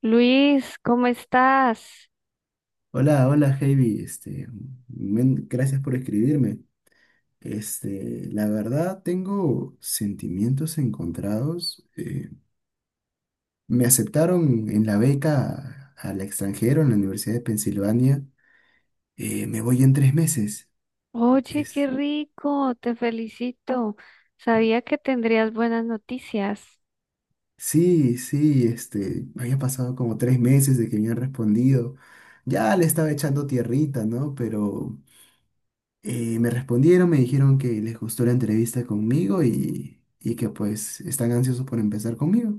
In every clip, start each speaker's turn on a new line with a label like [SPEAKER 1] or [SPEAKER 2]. [SPEAKER 1] Luis, ¿cómo estás?
[SPEAKER 2] Hola, hola, Heidi. Este, gracias por escribirme. Este, la verdad, tengo sentimientos encontrados. Me aceptaron en la beca al extranjero en la Universidad de Pensilvania. Me voy en 3 meses.
[SPEAKER 1] Oye, qué
[SPEAKER 2] Es,
[SPEAKER 1] rico, te felicito. Sabía que tendrías buenas noticias.
[SPEAKER 2] sí, sí, este, había pasado como 3 meses de que me han respondido. Ya le estaba echando tierrita, ¿no? Y me respondieron, me dijeron que les gustó la entrevista conmigo y que pues están ansiosos por empezar conmigo.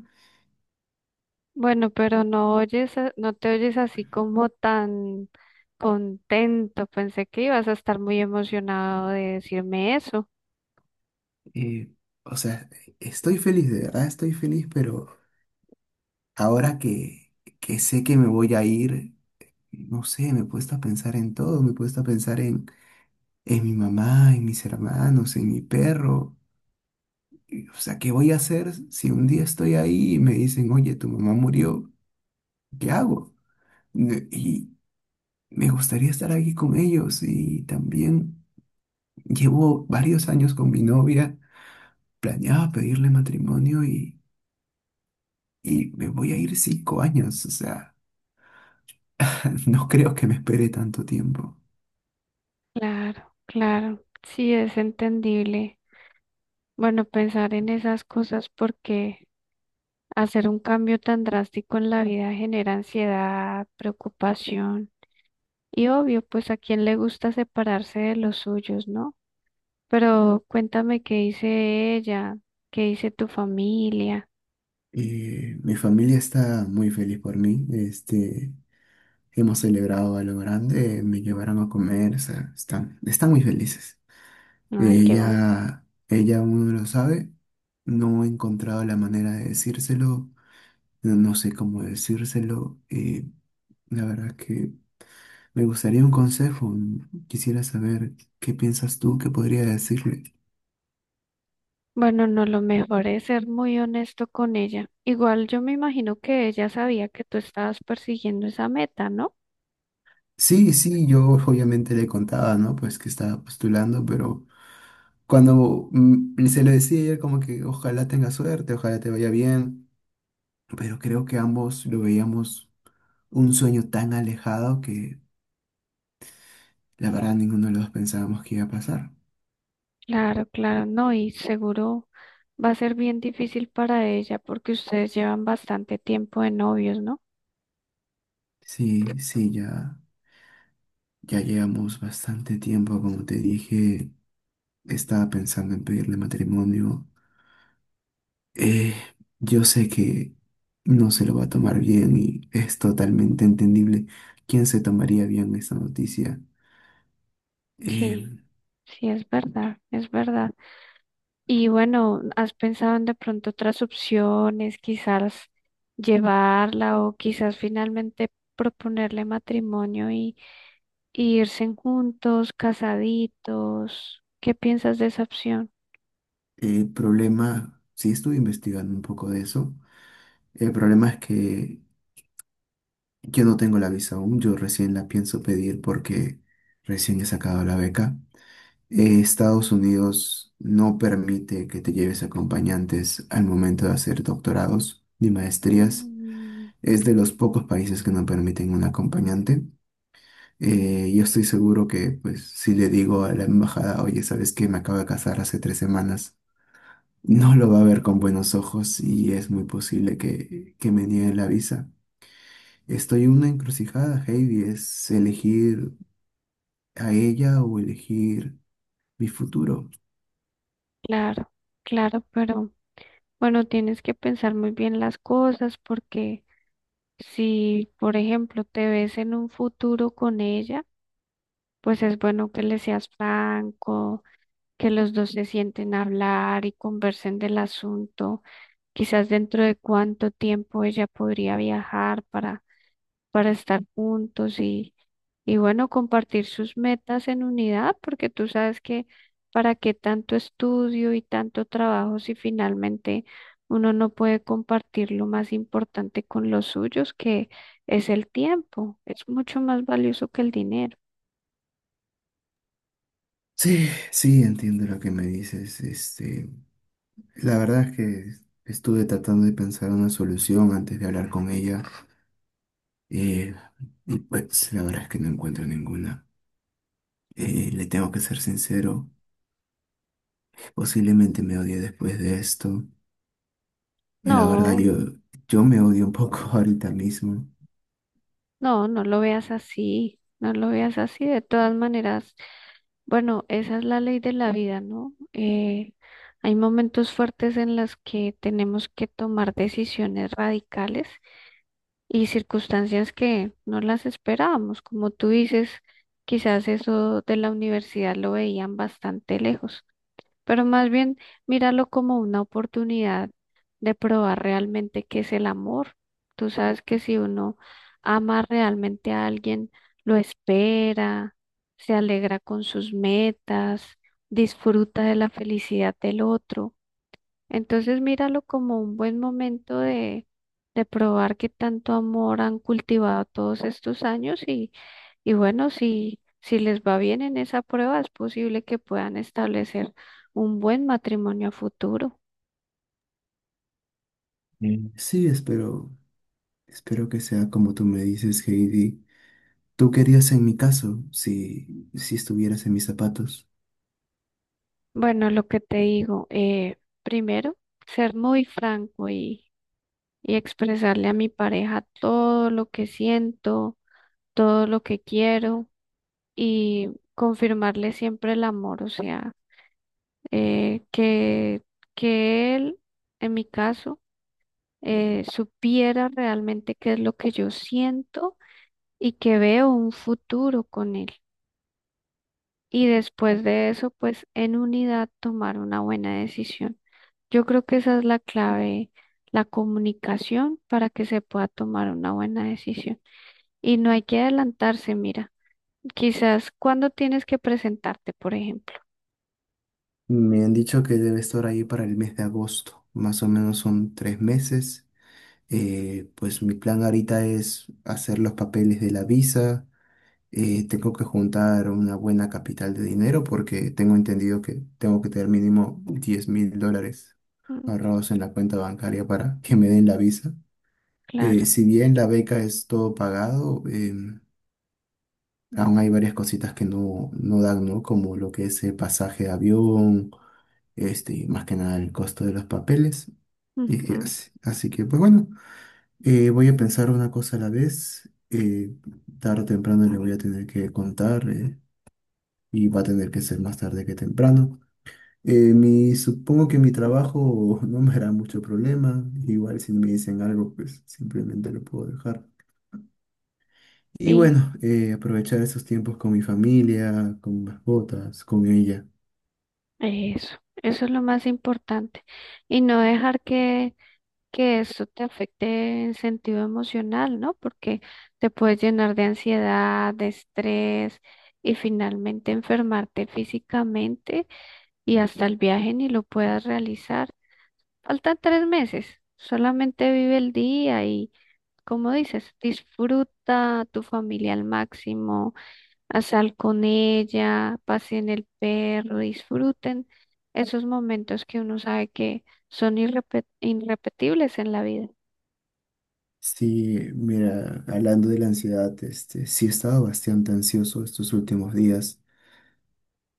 [SPEAKER 1] Bueno, pero no oyes, no te oyes así como tan contento. Pensé que ibas a estar muy emocionado de decirme eso.
[SPEAKER 2] Eh, o sea, estoy feliz, de verdad estoy feliz, pero ahora que sé que me voy a ir, no sé, me he puesto a pensar en todo, me he puesto a pensar en mi mamá, en mis hermanos, en mi perro. O sea, ¿qué voy a hacer si un día estoy ahí y me dicen, oye, tu mamá murió? ¿Qué hago? Y me gustaría estar aquí con ellos y también... Llevo varios años con mi novia, planeaba pedirle matrimonio y me voy a ir 5 años, o sea, no creo que me espere tanto tiempo.
[SPEAKER 1] Claro, claro, sí es entendible. Bueno, pensar en esas cosas porque hacer un cambio tan drástico en la vida genera ansiedad, preocupación. Y obvio, pues a quién le gusta separarse de los suyos, ¿no? Pero cuéntame qué dice ella, qué dice tu familia.
[SPEAKER 2] Mi familia está muy feliz por mí, este, hemos celebrado a lo grande, me llevaron a comer, o sea, están muy felices.
[SPEAKER 1] Ay, qué bueno.
[SPEAKER 2] Ella, ella uno lo sabe, no he encontrado la manera de decírselo, no, no sé cómo decírselo, la verdad que me gustaría un consejo. Quisiera saber qué piensas tú, qué podría decirle.
[SPEAKER 1] Bueno, no, lo mejor es ser muy honesto con ella. Igual yo me imagino que ella sabía que tú estabas persiguiendo esa meta, ¿no?
[SPEAKER 2] Sí, sí, yo obviamente le contaba, ¿no? Pues que estaba postulando, pero cuando se lo decía ella como que ojalá tenga suerte, ojalá te vaya bien, pero creo que ambos lo veíamos un sueño tan alejado que la verdad ninguno de los dos pensábamos que iba a pasar.
[SPEAKER 1] Claro, claro, no, y seguro va a ser bien difícil para ella porque ustedes llevan bastante tiempo de novios, ¿no?
[SPEAKER 2] Sí, sí, ya, ya llevamos bastante tiempo, como te dije, estaba pensando en pedirle matrimonio. Eh, yo sé que no se lo va a tomar bien y es totalmente entendible quién se tomaría bien esta noticia. Eh,
[SPEAKER 1] Sí, sí, es verdad, es verdad. Y bueno, ¿has pensado en de pronto otras opciones, quizás llevarla o quizás finalmente proponerle matrimonio y irse juntos, casaditos? ¿Qué piensas de esa opción?
[SPEAKER 2] el problema, sí estuve investigando un poco de eso, el problema es que yo no tengo la visa aún, yo recién la pienso pedir porque recién he sacado la beca. Estados Unidos no permite que te lleves acompañantes al momento de hacer doctorados ni maestrías.
[SPEAKER 1] Mm,
[SPEAKER 2] Es de los pocos países que no permiten un acompañante. Yo estoy seguro que, pues, si le digo a la embajada, oye, ¿sabes qué? Me acabo de casar hace 3 semanas, no lo va a ver con buenos ojos y es muy posible que me nieguen la visa. Estoy en una encrucijada, Heidi, es elegir a ella o elegir mi futuro.
[SPEAKER 1] claro, claro, pero bueno, tienes que pensar muy bien las cosas porque si, por ejemplo, te ves en un futuro con ella, pues es bueno que le seas franco, que los dos se sienten a hablar y conversen del asunto, quizás dentro de cuánto tiempo ella podría viajar para estar juntos y bueno, compartir sus metas en unidad, porque tú sabes que para qué tanto estudio y tanto trabajo si finalmente uno no puede compartir lo más importante con los suyos, que es el tiempo, es mucho más valioso que el dinero.
[SPEAKER 2] Sí, sí, entiendo lo que me dices. Este, la verdad es que estuve tratando de pensar una solución antes de hablar con ella. eh, y pues la verdad es que no encuentro ninguna. Le tengo que ser sincero, posiblemente me odie después de esto. La verdad,
[SPEAKER 1] No.
[SPEAKER 2] yo me odio un poco ahorita mismo.
[SPEAKER 1] No, no lo veas así, no lo veas así. De todas maneras, bueno, esa es la ley de la vida, ¿no? Hay momentos fuertes en las que tenemos que tomar decisiones radicales y circunstancias que no las esperábamos. Como tú dices, quizás eso de la universidad lo veían bastante lejos, pero más bien míralo como una oportunidad de probar realmente qué es el amor. Tú sabes que si uno ama realmente a alguien, lo espera, se alegra con sus metas, disfruta de la felicidad del otro. Entonces míralo como un buen momento de probar qué tanto amor han cultivado todos estos años y bueno, si les va bien en esa prueba, es posible que puedan establecer un buen matrimonio a futuro.
[SPEAKER 2] Mm. Sí, espero, espero que sea como tú me dices, Heidi. ¿Tú querías en mi caso si, si estuvieras en mis zapatos?
[SPEAKER 1] Bueno, lo que te digo, primero, ser muy franco y expresarle a mi pareja todo lo que siento, todo lo que quiero y confirmarle siempre el amor, o sea, eh, que, que él, en mi caso, supiera realmente qué es lo que yo siento y que veo un futuro con él. Y después de eso, pues en unidad tomar una buena decisión. Yo creo que esa es la clave, la comunicación para que se pueda tomar una buena decisión. Y no hay que adelantarse, mira, quizás cuando tienes que presentarte, por ejemplo.
[SPEAKER 2] Me han dicho que debe estar ahí para el mes de agosto, más o menos son 3 meses. Pues mi plan ahorita es hacer los papeles de la visa tengo que juntar una buena capital de dinero porque tengo entendido que tengo que tener mínimo $10,000
[SPEAKER 1] Mm,
[SPEAKER 2] ahorrados en la cuenta bancaria para que me den la visa.
[SPEAKER 1] claro.
[SPEAKER 2] Si bien la beca es todo pagado, aún hay varias cositas que no, no dan, ¿no? Como lo que es el pasaje de avión, este, y más que nada el costo de los papeles. Y que
[SPEAKER 1] Ujú.
[SPEAKER 2] así, así que, pues bueno, voy a pensar una cosa a la vez. Tarde o temprano le voy a tener que contar. Y va a tener que ser más tarde que temprano. Mi, supongo que mi trabajo no me hará mucho problema, igual si me dicen algo, pues simplemente lo puedo dejar. Y
[SPEAKER 1] Y
[SPEAKER 2] bueno, aprovechar esos tiempos con mi familia, con mascotas, con ella.
[SPEAKER 1] eso, eso es lo más importante. Y no dejar que eso te afecte en sentido emocional, ¿no? Porque te puedes llenar de ansiedad, de estrés y finalmente enfermarte físicamente y hasta el viaje ni lo puedas realizar. Faltan 3 meses, solamente vive el día y, como dices, disfruta a tu familia al máximo, a sal con ella, pasen el perro, disfruten esos momentos que uno sabe que son irrepetibles en la vida.
[SPEAKER 2] Sí, mira, hablando de la ansiedad, este, sí he estado bastante ansioso estos últimos días.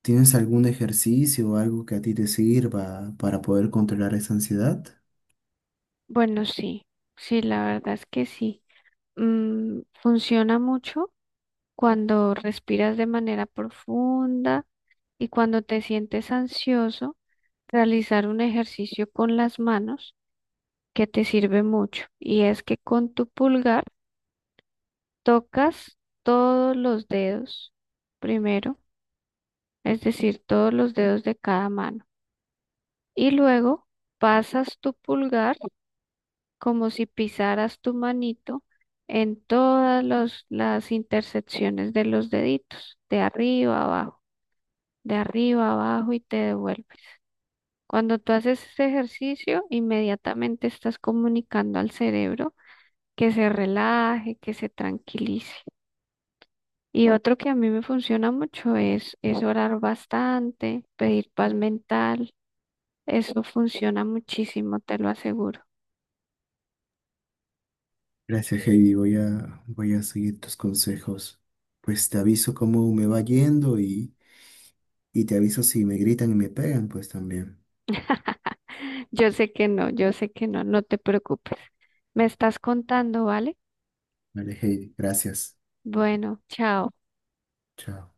[SPEAKER 2] ¿Tienes algún ejercicio o algo que a ti te sirva para poder controlar esa ansiedad?
[SPEAKER 1] Bueno, sí, sí, la verdad es que sí. Funciona mucho cuando respiras de manera profunda y cuando te sientes ansioso, realizar un ejercicio con las manos que te sirve mucho. Y es que con tu pulgar tocas todos los dedos primero, es decir, todos los dedos de cada mano. Y luego pasas tu pulgar como si pisaras tu manito en todas las intersecciones de los deditos, de arriba a abajo, de arriba a abajo y te devuelve. Cuando tú haces este ejercicio, inmediatamente estás comunicando al cerebro que se relaje, que se tranquilice. Y otro que a mí me funciona mucho es orar bastante, pedir paz mental. Eso funciona muchísimo, te lo aseguro.
[SPEAKER 2] Gracias, Heidi. Voy a seguir tus consejos. Pues te aviso cómo me va yendo y te aviso si me gritan y me pegan, pues también.
[SPEAKER 1] Yo sé que no, yo sé que no, no te preocupes. Me estás contando, ¿vale?
[SPEAKER 2] Vale, Heidi. Gracias.
[SPEAKER 1] Bueno, chao.
[SPEAKER 2] Chao.